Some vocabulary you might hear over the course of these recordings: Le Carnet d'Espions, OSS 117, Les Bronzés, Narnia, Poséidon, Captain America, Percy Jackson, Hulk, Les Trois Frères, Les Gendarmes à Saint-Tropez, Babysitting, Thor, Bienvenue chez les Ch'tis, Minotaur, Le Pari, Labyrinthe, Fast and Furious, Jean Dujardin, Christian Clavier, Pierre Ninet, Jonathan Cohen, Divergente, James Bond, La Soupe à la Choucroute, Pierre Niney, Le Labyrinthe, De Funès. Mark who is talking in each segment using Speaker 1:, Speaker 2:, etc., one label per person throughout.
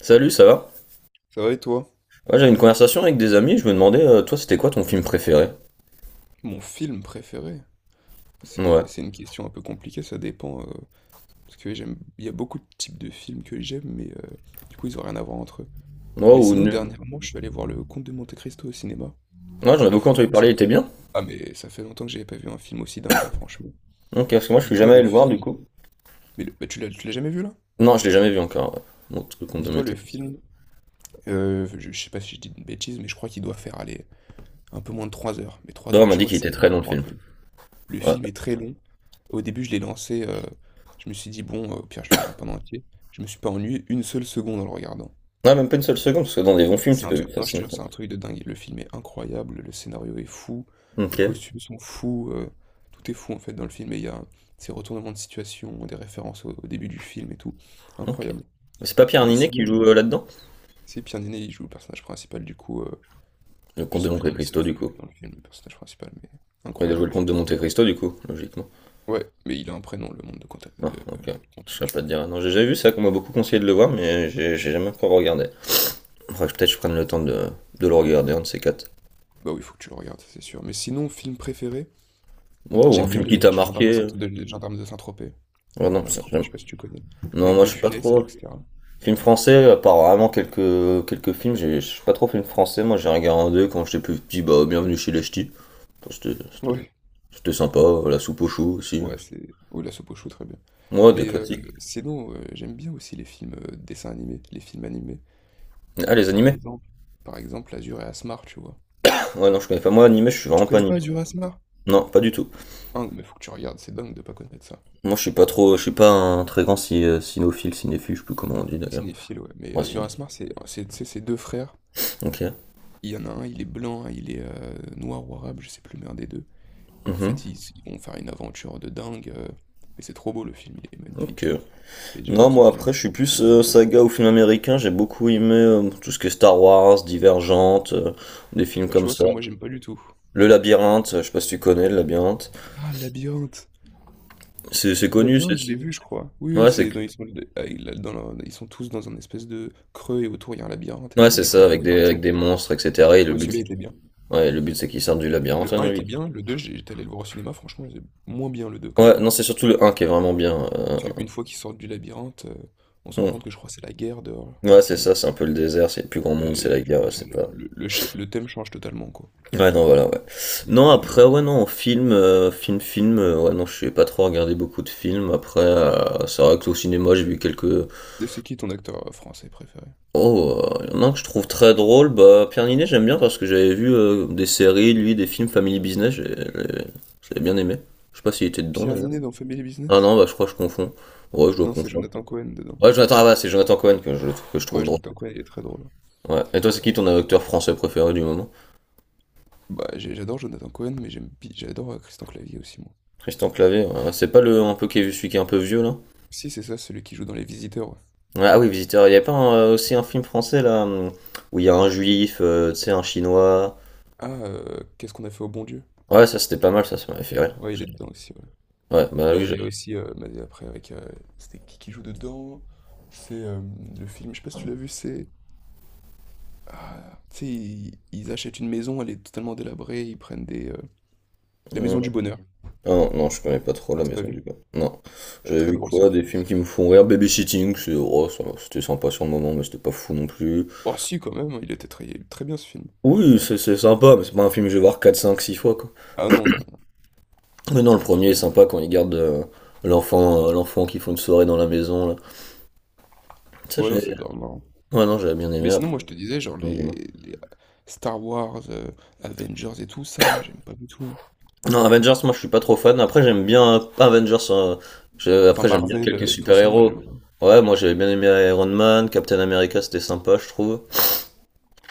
Speaker 1: Salut, ça va?
Speaker 2: Ça va et toi?
Speaker 1: Ouais, j'avais une conversation avec des amis, je me demandais, toi, c'était quoi ton film préféré?
Speaker 2: Mon film préféré?
Speaker 1: Ouais.
Speaker 2: C'est une question un peu compliquée, ça dépend, parce que j'aime, il y a beaucoup de types de films que j'aime, mais du coup, ils ont rien à voir entre eux.
Speaker 1: Moi,
Speaker 2: Mais
Speaker 1: ou...
Speaker 2: sinon,
Speaker 1: ne-
Speaker 2: dernièrement, je suis allé voir Le Comte de Monte-Cristo au cinéma.
Speaker 1: Ouais, j'en ai
Speaker 2: Et
Speaker 1: beaucoup entendu
Speaker 2: franchement.
Speaker 1: parler, il était bien?
Speaker 2: Ah, mais ça fait longtemps que j'avais pas vu un film aussi dingue, hein, franchement.
Speaker 1: Ok, parce que moi, je suis
Speaker 2: Dis-toi
Speaker 1: jamais allé
Speaker 2: le
Speaker 1: le voir,
Speaker 2: film...
Speaker 1: du coup.
Speaker 2: Mais le- bah, tu l'as jamais vu, là?
Speaker 1: Non, je l'ai jamais vu encore, ouais. Mon truc qu'on me
Speaker 2: Dis-toi le
Speaker 1: mettait, comme ça.
Speaker 2: film... je sais pas si je dis une bêtise, mais je crois qu'il doit faire, aller un peu moins de 3 heures. Mais 3
Speaker 1: Non, on
Speaker 2: heures,
Speaker 1: m'a
Speaker 2: tu
Speaker 1: dit
Speaker 2: vois,
Speaker 1: qu'il
Speaker 2: c'est
Speaker 1: était très
Speaker 2: énorme
Speaker 1: long, le
Speaker 2: pour un
Speaker 1: film.
Speaker 2: film. Le
Speaker 1: Ouais.
Speaker 2: film est très long. Au début, je l'ai lancé, je me suis dit: «Bon, au pire, je le regarde pas en entier». Je me suis pas ennuyé une seule seconde en le regardant.
Speaker 1: Ouais, même pas une seule seconde, parce que dans des bons films,
Speaker 2: C'est
Speaker 1: tu
Speaker 2: un
Speaker 1: peux vivre
Speaker 2: truc non, je te
Speaker 1: facilement.
Speaker 2: jure, c'est un truc de dingue. Le film est incroyable, le scénario est fou, les
Speaker 1: Ok,
Speaker 2: costumes sont fous, tout est fou, en fait, dans le film et il y a ces retournements de situation, des références au début du film et tout.
Speaker 1: ok.
Speaker 2: Incroyable.
Speaker 1: Mais c'est pas Pierre
Speaker 2: Mais
Speaker 1: Ninet qui
Speaker 2: sinon, non.
Speaker 1: joue là-dedans?
Speaker 2: C'est Pierre Niney, il joue le personnage principal, du coup,
Speaker 1: Le
Speaker 2: je
Speaker 1: Comte de
Speaker 2: sais plus comment il
Speaker 1: Monte-Cristo, du
Speaker 2: s'appelle,
Speaker 1: coup.
Speaker 2: dans le film, le personnage principal, mais
Speaker 1: Ouais, il a
Speaker 2: incroyable,
Speaker 1: joué le
Speaker 2: le
Speaker 1: Comte de
Speaker 2: film.
Speaker 1: Monte-Cristo, du coup, logiquement.
Speaker 2: Ouais, mais il a un prénom, le monde de Quentin
Speaker 1: Ah,
Speaker 2: de,
Speaker 1: ok. Je
Speaker 2: Conte,
Speaker 1: sais
Speaker 2: tu
Speaker 1: pas te
Speaker 2: vois?
Speaker 1: dire. Non, j'ai déjà vu ça, qu'on m'a beaucoup conseillé de le voir, mais j'ai jamais encore regardé. Faudrait peut-être que je prenne le temps de le regarder, un de ces quatre.
Speaker 2: Bah oui, faut que tu le regardes, ça, c'est sûr. Mais sinon, film préféré,
Speaker 1: Ouais, ou un
Speaker 2: j'aime bien
Speaker 1: film qui
Speaker 2: les
Speaker 1: t'a
Speaker 2: gendarmes, à Saint-
Speaker 1: marqué.
Speaker 2: de, les gendarmes de Saint-Tropez. Les
Speaker 1: Ouais, non,
Speaker 2: Gendarmes à
Speaker 1: ça,
Speaker 2: Saint-Tropez,
Speaker 1: j'aime.
Speaker 2: je sais pas si tu connais.
Speaker 1: Non,
Speaker 2: Avec
Speaker 1: moi
Speaker 2: De
Speaker 1: je suis pas
Speaker 2: Funès et
Speaker 1: trop.
Speaker 2: etc.
Speaker 1: Film français, à part vraiment quelques films, je suis pas trop film français. Moi j'ai regardé quand j'étais plus petit, bah bienvenue chez les ch'tis. Bon, C'était c'était-
Speaker 2: Ouais.
Speaker 1: c'était sympa, la soupe au chou aussi.
Speaker 2: Ouais, c'est. Oui, la soupe au chou, très bien.
Speaker 1: Moi, des
Speaker 2: Mais
Speaker 1: classiques.
Speaker 2: sinon, j'aime bien aussi les films dessins animés, les films animés.
Speaker 1: Ah, les
Speaker 2: Par
Speaker 1: animés?
Speaker 2: exemple, par exemple, Azur et Asmar, tu vois.
Speaker 1: Ouais, non, je connais pas. Moi, animé, je suis vraiment
Speaker 2: Tu
Speaker 1: pas
Speaker 2: connais pas
Speaker 1: animé.
Speaker 2: Azur et Asmar?
Speaker 1: Non, pas du tout.
Speaker 2: Hein, mais faut que tu regardes, c'est dingue de pas connaître ça.
Speaker 1: Moi, je suis pas trop, je suis pas un très grand cinéphile, je sais plus comment on dit d'ailleurs.
Speaker 2: Cinéphile, ouais. Mais
Speaker 1: Ouais,
Speaker 2: Azur et
Speaker 1: ciné.
Speaker 2: Asmar, c'est tu sais, c'est deux frères.
Speaker 1: Ok.
Speaker 2: Il y en a un, il est blanc, un, il est noir ou arabe, je sais plus, mais un des deux. Et en
Speaker 1: Mhm.
Speaker 2: fait, ils vont faire une aventure de dingue. Mais c'est trop beau le film, il est
Speaker 1: Ok.
Speaker 2: magnifique. Et
Speaker 1: Non,
Speaker 2: j'adore ce
Speaker 1: moi
Speaker 2: film,
Speaker 1: après, je suis
Speaker 2: c'est
Speaker 1: plus
Speaker 2: sûrement mon préféré.
Speaker 1: saga ou film américain. J'ai beaucoup aimé tout ce qui est Star Wars, Divergente, des films
Speaker 2: Bah, tu
Speaker 1: comme
Speaker 2: vois,
Speaker 1: ça.
Speaker 2: ça, moi, j'aime pas du tout.
Speaker 1: Le Labyrinthe, je sais pas si tu connais le Labyrinthe.
Speaker 2: Ah, Labyrinthe!
Speaker 1: C'est connu, c'est.
Speaker 2: Labyrinthe, je l'ai vu, je crois. Oui, oui,
Speaker 1: Ouais,
Speaker 2: c'est dans, ils sont, ah, il a- dans leur- ils sont tous dans un espèce de creux et autour il y a un labyrinthe et
Speaker 1: c'est
Speaker 2: des
Speaker 1: ça,
Speaker 2: fois ils peuvent
Speaker 1: avec
Speaker 2: partir.
Speaker 1: des monstres, etc. Et le
Speaker 2: Oui,
Speaker 1: but,
Speaker 2: celui-là
Speaker 1: c'est
Speaker 2: était bien.
Speaker 1: ouais, le but, c'est qu'ils sortent du labyrinthe,
Speaker 2: Le
Speaker 1: hein,
Speaker 2: un
Speaker 1: dans
Speaker 2: était
Speaker 1: lui.
Speaker 2: bien, le 2 j'étais allé le voir au cinéma, franchement, c'est moins bien le 2 quand
Speaker 1: Ouais,
Speaker 2: même, hein.
Speaker 1: non, c'est surtout le un qui est vraiment bien,
Speaker 2: Parce qu'une fois qu'ils sortent du labyrinthe, on se rend
Speaker 1: bon.
Speaker 2: compte que je crois que c'est la guerre dehors, il me
Speaker 1: Ouais, c'est
Speaker 2: semble.
Speaker 1: ça, c'est un peu le désert, c'est le plus grand monde, c'est la
Speaker 2: Et du
Speaker 1: guerre,
Speaker 2: coup,
Speaker 1: ouais,
Speaker 2: ça,
Speaker 1: c'est
Speaker 2: le,
Speaker 1: pas.
Speaker 2: le- le cha- le thème change totalement, quoi.
Speaker 1: Ouais, non, voilà, ouais.
Speaker 2: Il n'y a plus
Speaker 1: Non,
Speaker 2: de
Speaker 1: après,
Speaker 2: labyrinthe.
Speaker 1: ouais, non, en film, ouais, non, je sais pas trop regarder beaucoup de films. Après, c'est vrai que au cinéma, j'ai vu quelques.
Speaker 2: Et c'est qui ton acteur français préféré?
Speaker 1: Oh, il y en a un que je trouve très drôle. Bah, Pierre Ninet, j'aime bien parce que j'avais vu des séries, lui, des films Family Business, j'avais bien aimé. Je sais pas s'il était dedans
Speaker 2: Pierre
Speaker 1: d'ailleurs.
Speaker 2: Ninet dans Family
Speaker 1: Ah
Speaker 2: Business?
Speaker 1: non, bah, je crois que je confonds. Ouais, je dois
Speaker 2: Non, c'est
Speaker 1: confondre.
Speaker 2: Jonathan Cohen dedans.
Speaker 1: Ouais, Jonathan, ah, bah, c'est Jonathan Cohen que je
Speaker 2: Ouais,
Speaker 1: trouve drôle.
Speaker 2: Jonathan Cohen, il est très drôle.
Speaker 1: Ouais. Et toi, c'est qui ton acteur français préféré du moment?
Speaker 2: Bah, j'ai- j'adore Jonathan Cohen, mais j'aime, j'adore Christian Clavier aussi, moi.
Speaker 1: Christian Clavier, ouais. C'est pas le un peu qui est, celui qui est un peu vieux là?
Speaker 2: Si, c'est ça, celui qui joue dans Les Visiteurs, ouais.
Speaker 1: Ouais, ah oui, Visiteur. Il n'y a pas aussi un film français là où il y a un juif, tu sais, un chinois.
Speaker 2: Ah, qu'est-ce qu'on a fait au bon Dieu?
Speaker 1: Ouais, ça c'était pas mal, ça m'avait fait rire.
Speaker 2: Ouais, il est dedans aussi, ouais.
Speaker 1: Ouais, bah
Speaker 2: Bah,
Speaker 1: oui,
Speaker 2: il
Speaker 1: j'ai.
Speaker 2: y a aussi, mais après, avec. C'était qui joue dedans? C'est le film, je sais pas si tu l'as vu, c'est. Ah, tu sais, ils achètent une maison, elle est totalement délabrée, ils prennent des. La
Speaker 1: Hmm.
Speaker 2: maison du bonheur.
Speaker 1: Ah non, non, je connais pas trop
Speaker 2: On
Speaker 1: La
Speaker 2: t'a pas
Speaker 1: Maison du
Speaker 2: vu.
Speaker 1: Gars. Non. J'avais
Speaker 2: Très
Speaker 1: vu
Speaker 2: drôle ce
Speaker 1: quoi? Des
Speaker 2: film
Speaker 1: films
Speaker 2: aussi.
Speaker 1: qui me font rire. Babysitting, c'est... oh, ça va, c'était sympa sur le moment, mais c'était pas fou non plus.
Speaker 2: Oh si quand même, il était très, très bien ce film.
Speaker 1: Oui, c'est sympa, mais c'est pas un film que je vais voir 4 5 6 fois, quoi.
Speaker 2: Ah non, non,
Speaker 1: Mais non, le
Speaker 2: non, c'est...
Speaker 1: premier est
Speaker 2: vraiment-
Speaker 1: sympa quand il garde l'enfant qui font une soirée dans la maison, là. Ça,
Speaker 2: Ouais, non,
Speaker 1: j'ai...
Speaker 2: c'est grave marrant.
Speaker 1: Ouais, non, j'avais bien aimé
Speaker 2: Mais sinon,
Speaker 1: après.
Speaker 2: moi, je te disais, genre,
Speaker 1: Non,
Speaker 2: les,
Speaker 1: dis-moi.
Speaker 2: les Star Wars, Avengers et tout, ça, moi, j'aime pas du tout.
Speaker 1: Non, Avengers, moi je suis pas trop fan. Après, j'aime bien, pas Avengers, hein.
Speaker 2: Enfin,
Speaker 1: Après, j'aime bien
Speaker 2: Marvel,
Speaker 1: quelques
Speaker 2: euh, tout ça, moi,
Speaker 1: super-héros.
Speaker 2: j'aime pas.
Speaker 1: Ouais, moi j'avais bien aimé Iron Man, Captain America, c'était sympa, je trouve.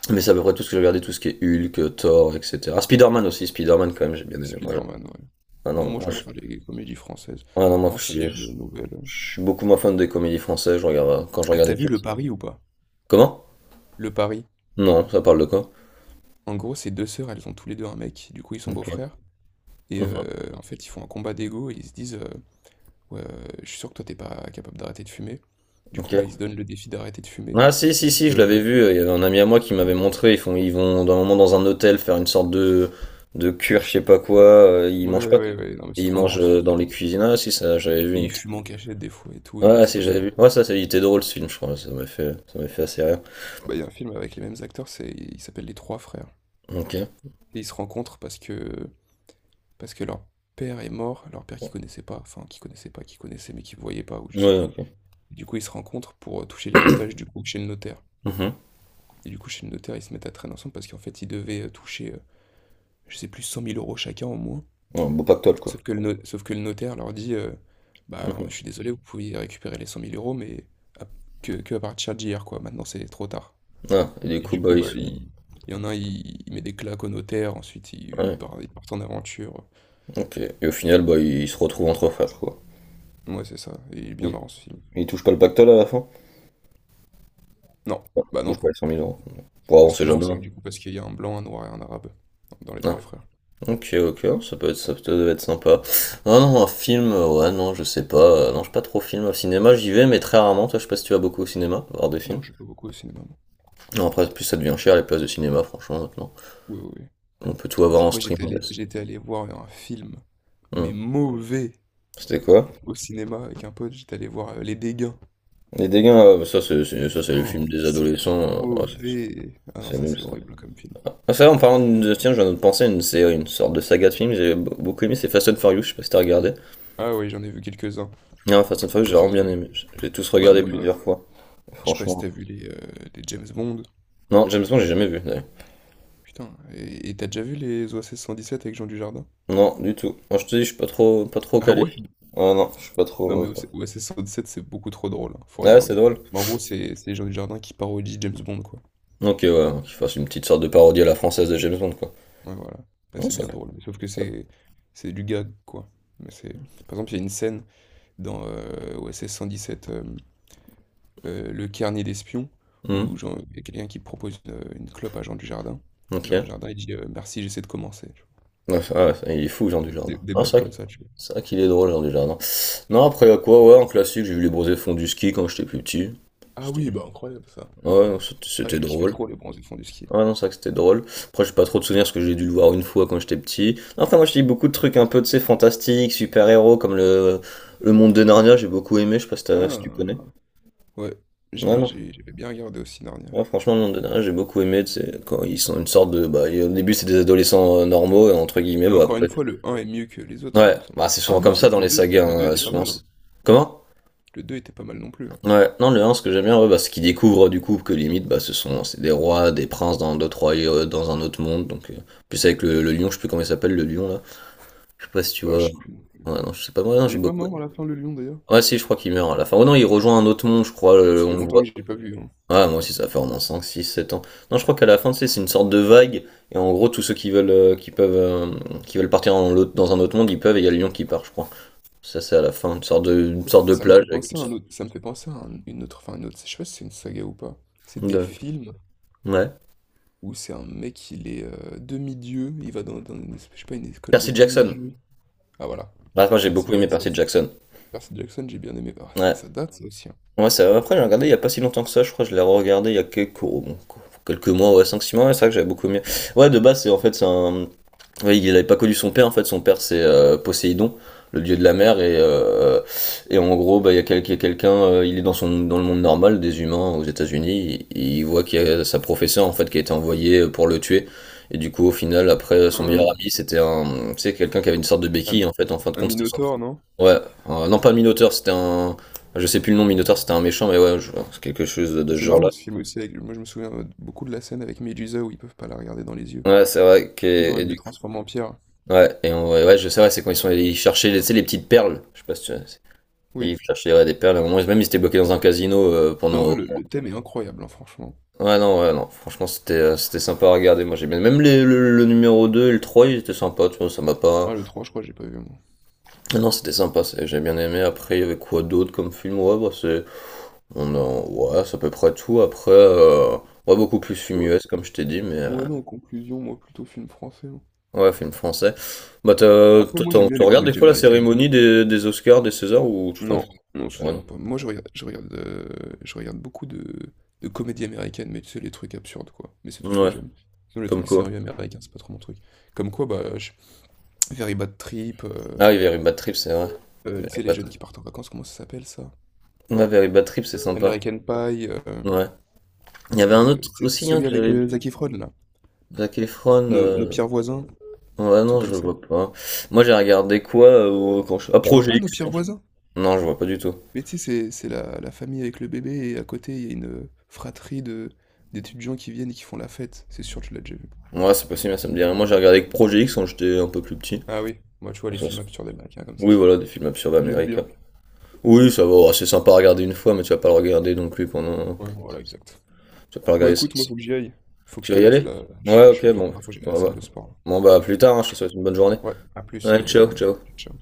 Speaker 1: Mais c'est à peu près tout ce que j'ai regardé, tout ce qui est Hulk, Thor, etc. Ah, Spider-Man aussi, Spider-Man quand même, j'ai bien aimé.
Speaker 2: Spider-Man, ouais.
Speaker 1: Ah
Speaker 2: Non,
Speaker 1: non,
Speaker 2: moi, je
Speaker 1: moi je,
Speaker 2: préfère les comédies françaises,
Speaker 1: ah non, moi,
Speaker 2: anciennes, euh, nouvelles.
Speaker 1: je suis beaucoup moins fan des comédies françaises, je regarde... quand je
Speaker 2: Ah,
Speaker 1: regarde
Speaker 2: t'as
Speaker 1: des
Speaker 2: vu
Speaker 1: films.
Speaker 2: Le Pari ou pas?
Speaker 1: Comment?
Speaker 2: Le Pari.
Speaker 1: Non, ça parle de quoi?
Speaker 2: En gros, ces deux sœurs, elles ont tous les deux un mec, du coup, ils sont
Speaker 1: Ok.
Speaker 2: beaux-frères. Et
Speaker 1: Mhm.
Speaker 2: en fait, ils font un combat d'ego et ils se disent, Ouais, je suis sûr que toi, t'es pas capable d'arrêter de fumer. Du coup, bah,
Speaker 1: Ok.
Speaker 2: il se donne le défi d'arrêter de fumer.
Speaker 1: Ah si
Speaker 2: Et
Speaker 1: si
Speaker 2: sauf
Speaker 1: si, je l'avais
Speaker 2: que,
Speaker 1: vu, il y avait un ami à moi qui m'avait montré, ils vont d'un moment dans un hôtel faire une sorte de cure, je sais pas quoi, ils
Speaker 2: ouais,
Speaker 1: mangent
Speaker 2: ouais,
Speaker 1: pas
Speaker 2: ouais, ouais, non, mais c'est
Speaker 1: ils
Speaker 2: trop
Speaker 1: mangent
Speaker 2: marrant ce film.
Speaker 1: dans
Speaker 2: Et
Speaker 1: les cuisines. Ah si ça, j'avais vu une
Speaker 2: il
Speaker 1: petite.
Speaker 2: fume en cachette des fois et tout, non, mais
Speaker 1: Ouais,
Speaker 2: c'est
Speaker 1: si
Speaker 2: trop
Speaker 1: j'avais
Speaker 2: drôle.
Speaker 1: vu. Ouais, ça il était drôle ce film, je crois, ça m'a fait assez rire.
Speaker 2: Bah, il y a un film avec les mêmes acteurs, c'est, il s'appelle Les Trois Frères.
Speaker 1: OK.
Speaker 2: Et ils se rencontrent parce que leur père est mort, leur père qu'ils connaissaient pas, enfin, qu'ils connaissaient pas, qu'ils connaissaient, mais qu'ils voyaient pas, ou je sais
Speaker 1: Ouais,
Speaker 2: plus.
Speaker 1: OK.
Speaker 2: Et du coup, ils se rencontrent pour toucher l'héritage, du coup, chez le notaire.
Speaker 1: Mhm.
Speaker 2: Et du coup, chez le notaire, ils se mettent à traîner ensemble parce qu'en fait, ils devaient toucher, je sais plus, 100 000 euros chacun au moins.
Speaker 1: Ouais, beau pactole quoi.
Speaker 2: Sauf que le no sauf que le notaire leur dit: «Bah,
Speaker 1: Mhm.
Speaker 2: je suis désolé, vous pouvez récupérer les 100 000 euros mais à que à partir d'hier, quoi. Maintenant, c'est trop tard».
Speaker 1: Ah, et du
Speaker 2: Et
Speaker 1: coup
Speaker 2: du coup,
Speaker 1: bah ils
Speaker 2: bah,
Speaker 1: sont.
Speaker 2: il y en a un, il met des claques au notaire, ensuite il il
Speaker 1: Ouais.
Speaker 2: part il part en aventure.
Speaker 1: OK. Et au final bah ils se retrouvent entre frères quoi.
Speaker 2: Ouais, c'est ça, et il est bien
Speaker 1: Ils,
Speaker 2: marrant ce film.
Speaker 1: ils touchent pas le pactole à la fin?
Speaker 2: Non,
Speaker 1: Ils
Speaker 2: bah,
Speaker 1: touchent
Speaker 2: non.
Speaker 1: pas les 100 000 euros. Bon, on
Speaker 2: Ce qui
Speaker 1: sait
Speaker 2: est marrant,
Speaker 1: jamais.
Speaker 2: c'est que
Speaker 1: hein.
Speaker 2: du coup parce qu'il y a un blanc, un noir et un arabe dans Les
Speaker 1: Ah.
Speaker 2: Trois Frères.
Speaker 1: Ok, ok, ça peut être sympa. Non, non, un film, ouais, non, je sais pas. Non, je suis pas trop film au cinéma, j'y vais, mais très rarement. Toi, je sais pas si tu vas beaucoup au cinéma, voir des films.
Speaker 2: Non, je vais pas beaucoup au cinéma, moi.
Speaker 1: Non, après, en plus ça devient cher les places de cinéma, franchement, maintenant.
Speaker 2: Oui, oui, oui.
Speaker 1: On peut tout avoir en
Speaker 2: Moi, j'étais
Speaker 1: streaming là.
Speaker 2: allé j'étais allé voir un film, mais
Speaker 1: Hmm.
Speaker 2: mauvais,
Speaker 1: C'était quoi?
Speaker 2: au cinéma avec un pote, j'étais allé voir, Les Dégâts.
Speaker 1: Les dégâts, bah, ça, ça, c'est le film
Speaker 2: Oh,
Speaker 1: des
Speaker 2: c'était
Speaker 1: adolescents, ouais, c'est
Speaker 2: mauvais. Ah non,
Speaker 1: c'est
Speaker 2: ça
Speaker 1: nul,
Speaker 2: c'est
Speaker 1: ça.
Speaker 2: horrible comme film.
Speaker 1: Ah, ça, en parlant de. Tiens, je viens de penser à une série, une sorte de saga de films, beaucoup aimé, c'est Fast and Furious, je sais pas si t'as regardé.
Speaker 2: Ah oui, j'en ai vu quelques-uns.
Speaker 1: Non, Fast and Furious, j'ai
Speaker 2: Oui, ça
Speaker 1: vraiment bien
Speaker 2: c'est.
Speaker 1: aimé. J'ai tous
Speaker 2: Bah
Speaker 1: regardé
Speaker 2: même,
Speaker 1: plusieurs fois.
Speaker 2: je sais pas si
Speaker 1: Franchement.
Speaker 2: t'as vu les James Bond.
Speaker 1: Non, James Bond, j'ai jamais vu, d'ailleurs.
Speaker 2: Putain, et t'as déjà vu les OSS 117 avec Jean Dujardin?
Speaker 1: Non, du tout. Moi, je te dis, je suis pas trop, pas trop
Speaker 2: Ah
Speaker 1: calé.
Speaker 2: ouais?
Speaker 1: Ah non, je suis pas
Speaker 2: Non mais
Speaker 1: trop.
Speaker 2: OSS 117 c'est beaucoup trop drôle, hein, faut
Speaker 1: Ouais, c'est
Speaker 2: regarder.
Speaker 1: drôle.
Speaker 2: Mais en gros c'est Jean Dujardin qui parodie James Bond, quoi.
Speaker 1: Ok, ouais, qu'il fasse une petite sorte de parodie à la française de James Bond, quoi.
Speaker 2: Ouais voilà, là,
Speaker 1: Non,
Speaker 2: c'est
Speaker 1: ça
Speaker 2: bien
Speaker 1: peut.
Speaker 2: drôle. Mais sauf que
Speaker 1: Ça...
Speaker 2: c'est du gag, quoi. Mais c'est par exemple il y a une scène dans OSS 117. Le Carnet d'Espions, où
Speaker 1: Hmm,
Speaker 2: genre il y a quelqu'un qui propose, une clope à Jean Dujardin.
Speaker 1: ok.
Speaker 2: Jean Dujardin, il dit: «Merci, j'essaie de commencer», tu
Speaker 1: Ouais, ah ouais, il est fou, Jean
Speaker 2: vois? Des des
Speaker 1: Dujardin.
Speaker 2: des
Speaker 1: Ah,
Speaker 2: blagues comme ça, tu vois?
Speaker 1: c'est vrai qu'il est drôle, Jean Dujardin. Non, après, à quoi, ouais, en classique, j'ai vu les bronzés fonds du ski quand j'étais plus petit.
Speaker 2: Ah
Speaker 1: C'était
Speaker 2: oui,
Speaker 1: drôle.
Speaker 2: bah, incroyable ça.
Speaker 1: Ouais, non, c'était
Speaker 2: Ah,
Speaker 1: c'était
Speaker 2: je kiffais
Speaker 1: drôle.
Speaker 2: trop les Bronzés fond du ski.
Speaker 1: Ah non, c'est vrai que c'était drôle. Après, j'ai pas trop de souvenirs parce que j'ai dû le voir une fois quand j'étais petit. Enfin, moi, je lis beaucoup de trucs un peu, tu sais, fantastiques, super-héros, comme le monde de Narnia, j'ai beaucoup aimé, je sais pas si, si tu connais.
Speaker 2: Ah! Ouais,
Speaker 1: Ouais,
Speaker 2: j'ai
Speaker 1: non.
Speaker 2: j'ai j'avais bien regardé aussi Narnia.
Speaker 1: Ouais, franchement, le monde de Narnia, j'ai beaucoup aimé, tu sais, quand ils sont une sorte de... Bah, au début, c'est des adolescents normaux, et entre guillemets,
Speaker 2: Bah,
Speaker 1: bah
Speaker 2: encore une
Speaker 1: après...
Speaker 2: fois, le un est mieux que les autres, il
Speaker 1: Ouais,
Speaker 2: me semble.
Speaker 1: bah c'est
Speaker 2: Ah
Speaker 1: souvent
Speaker 2: non,
Speaker 1: comme
Speaker 2: c'est
Speaker 1: ça
Speaker 2: vrai
Speaker 1: dans
Speaker 2: que
Speaker 1: les sagas,
Speaker 2: le 2
Speaker 1: hein,
Speaker 2: était pas
Speaker 1: souvent...
Speaker 2: mal, hein.
Speaker 1: Comment?
Speaker 2: Le 2 était pas mal non plus, hein.
Speaker 1: Ouais, non, le 1, ce que j'aime bien, ouais, bah, c'est qu'ils découvrent du coup que limite, bah, ce sont c'est des rois, des princes dans d'autres royaumes, dans un autre monde. Donc, plus avec le lion, je sais plus comment il s'appelle, le lion là. Je sais pas si tu
Speaker 2: Bah,
Speaker 1: vois.
Speaker 2: je sais plus non plus.
Speaker 1: Ouais, non, je sais pas, moi, non,
Speaker 2: Il
Speaker 1: j'ai
Speaker 2: est pas
Speaker 1: beaucoup.
Speaker 2: mort à la fin, le lion, d'ailleurs?
Speaker 1: Ouais, si, je crois qu'il meurt à la fin. Oh non, il rejoint un autre monde, je crois,
Speaker 2: Ça
Speaker 1: on
Speaker 2: fait
Speaker 1: le
Speaker 2: longtemps
Speaker 1: voit.
Speaker 2: que je l'ai pas vu, hein.
Speaker 1: Ouais, moi aussi, ça fait vraiment 5, 6, 7 ans. Non, je crois qu'à la fin, tu sais, c'est une sorte de vague, et en gros, tous ceux qui veulent, qui peuvent, qui veulent partir dans dans un autre monde, ils peuvent, et il y a le lion qui part, je crois. Ça, c'est à la fin, une sorte de
Speaker 2: Ça me
Speaker 1: plage
Speaker 2: fait
Speaker 1: avec une
Speaker 2: penser à un
Speaker 1: sorte
Speaker 2: autre, ça me fait penser à un- une autre, enfin une autre, je sais pas si c'est une saga ou pas. C'est des
Speaker 1: de...
Speaker 2: films
Speaker 1: Ouais.
Speaker 2: où c'est un mec, il est demi-dieu, il va dans une, je sais pas, une école de
Speaker 1: Percy Jackson.
Speaker 2: demi-dieu. Ah voilà,
Speaker 1: Bah, moi, j'ai
Speaker 2: Percy
Speaker 1: beaucoup aimé
Speaker 2: Jackson.
Speaker 1: Percy Jackson.
Speaker 2: Percy Jackson, j'ai bien aimé. Ah,
Speaker 1: Ouais.
Speaker 2: ça date ça aussi, hein.
Speaker 1: Ouais, ça, après, j'ai regardé il y a pas si longtemps que ça, je crois, que je l'ai regardé il y a quelques, oh, bon, quelques mois, ouais, cinq six mois, ouais, c'est vrai que j'avais beaucoup aimé. Ouais, de base, c'est en fait, c'est un. Oui, il n'avait pas connu son père en fait. Son père c'est Poséidon, le dieu de la mer et en gros bah il y a quelqu'un, il est dans le monde normal des humains aux États-Unis. Il voit qu'il y a sa professeure en fait qui a été envoyée pour le tuer. Et du coup au final après son meilleur
Speaker 2: Hmm.
Speaker 1: ami c'était un tu sais quelqu'un qui avait une sorte de
Speaker 2: Un,
Speaker 1: béquille en fait. En fin de
Speaker 2: un
Speaker 1: compte c'était son
Speaker 2: Minotaure,
Speaker 1: pro.
Speaker 2: non?
Speaker 1: Ouais non pas Minotaur c'était un je sais plus le nom Minotaur c'était un méchant mais ouais c'est quelque chose de
Speaker 2: Ah,
Speaker 1: ce
Speaker 2: c'est
Speaker 1: genre là.
Speaker 2: marrant ce film aussi, moi je me souviens beaucoup de la scène avec Medusa où ils peuvent pas la regarder dans les yeux.
Speaker 1: Ouais c'est vrai que.
Speaker 2: Sinon elle les transforme en pierre.
Speaker 1: Ouais, et ouais, ouais, je sais, ouais, c'est quand ils sont allés chercher les, tu sais, les petites perles. Je sais pas si tu. Et ils
Speaker 2: Oui.
Speaker 1: cherchaient ouais, des perles. À un moment, même ils étaient bloqués dans un casino
Speaker 2: Non, ouais,
Speaker 1: pendant.
Speaker 2: le thème est incroyable, hein, franchement.
Speaker 1: Ouais, non, ouais, non. Franchement, c'était sympa à regarder. Moi, j'ai bien. Même le numéro 2 et le 3 ils étaient sympas, tu vois, ça m'a pas.
Speaker 2: Ah, le trois je crois, j'ai pas vu, moi.
Speaker 1: Ah non, c'était sympa, j'ai bien aimé. Après, il y avait quoi d'autre comme film? Ouais, bah, c'est. On a... Ouais, c'est à peu près tout. Après, ouais, beaucoup plus film
Speaker 2: Ouais.
Speaker 1: US, comme je t'ai dit, mais.
Speaker 2: Ouais, non, en conclusion, moi, plutôt film français, hein.
Speaker 1: Ouais, film français. Bah,
Speaker 2: Après,
Speaker 1: toi,
Speaker 2: moi, j'aime bien
Speaker 1: tu
Speaker 2: les
Speaker 1: regardes des
Speaker 2: comédies
Speaker 1: fois la
Speaker 2: américaines.
Speaker 1: cérémonie des Oscars, des Césars, ou tu t'en fous?
Speaker 2: Non, non, ça,
Speaker 1: Ouais.
Speaker 2: j'aime pas. Moi, je regarde, je regarde, je regarde beaucoup de comédies américaines, mais tu sais, les trucs absurdes, quoi. Mais c'est tout ce que
Speaker 1: Ouais,
Speaker 2: j'aime. Sinon, les
Speaker 1: comme
Speaker 2: trucs
Speaker 1: quoi.
Speaker 2: sérieux américains, c'est pas trop mon truc. Comme quoi, bah. Very Bad Trip, euh,
Speaker 1: Ah oui, Very Bad Trip, c'est vrai.
Speaker 2: euh, tu
Speaker 1: Very
Speaker 2: sais, les
Speaker 1: Bad,
Speaker 2: jeunes qui partent en vacances, comment ça s'appelle, ça?
Speaker 1: ouais, Very Bad Trip, c'est sympa.
Speaker 2: American Pie,
Speaker 1: Ouais. Il y avait un
Speaker 2: euh,
Speaker 1: autre
Speaker 2: tu sais,
Speaker 1: aussi, hein,
Speaker 2: celui
Speaker 1: que
Speaker 2: avec
Speaker 1: j'avais...
Speaker 2: Zac Efron, là.
Speaker 1: Zac Efron,
Speaker 2: Nos
Speaker 1: euh,
Speaker 2: pires voisins,
Speaker 1: Ouais,
Speaker 2: un truc
Speaker 1: non,
Speaker 2: comme
Speaker 1: je
Speaker 2: ça.
Speaker 1: vois pas. Moi, j'ai regardé quoi quand je... Ah,
Speaker 2: Tu vois
Speaker 1: Projet
Speaker 2: pas Nos
Speaker 1: X.
Speaker 2: pires voisins?
Speaker 1: Non, je vois pas du tout.
Speaker 2: Mais tu sais, c'est la famille avec le bébé et à côté, il y a une, fratrie de d'étudiants qui viennent et qui font la fête. C'est sûr, tu l'as déjà vu.
Speaker 1: Ouais, c'est possible, ça me dit rien. Moi, j'ai regardé que Projet X quand j'étais un peu plus petit.
Speaker 2: Ah oui, moi, tu vois
Speaker 1: Bon,
Speaker 2: les
Speaker 1: ça,
Speaker 2: films absurdes américains comme ça,
Speaker 1: oui,
Speaker 2: c'est
Speaker 1: voilà, des films absurdes
Speaker 2: j'aime bien.
Speaker 1: américains. Oui, ça va, oh, c'est sympa à regarder une fois, mais tu vas pas le regarder non plus pendant...
Speaker 2: Ouais, voilà, exact.
Speaker 1: Tu vas pas le
Speaker 2: Bon,
Speaker 1: regarder ça.
Speaker 2: écoute, moi, faut que j'y aille. Faut que
Speaker 1: Tu
Speaker 2: je te
Speaker 1: vas y
Speaker 2: laisse
Speaker 1: aller?
Speaker 2: là, je suis
Speaker 1: Ouais,
Speaker 2: je suis
Speaker 1: ok,
Speaker 2: un peu en
Speaker 1: bon.
Speaker 2: retard, faut que j'aille à la
Speaker 1: Bon,
Speaker 2: salle
Speaker 1: bah,
Speaker 2: de sport là.
Speaker 1: à plus tard, hein, je te souhaite une bonne journée.
Speaker 2: Ouais, à plus,
Speaker 1: Ouais,
Speaker 2: allez, bonne
Speaker 1: ciao,
Speaker 2: journée.
Speaker 1: ciao.
Speaker 2: Ciao.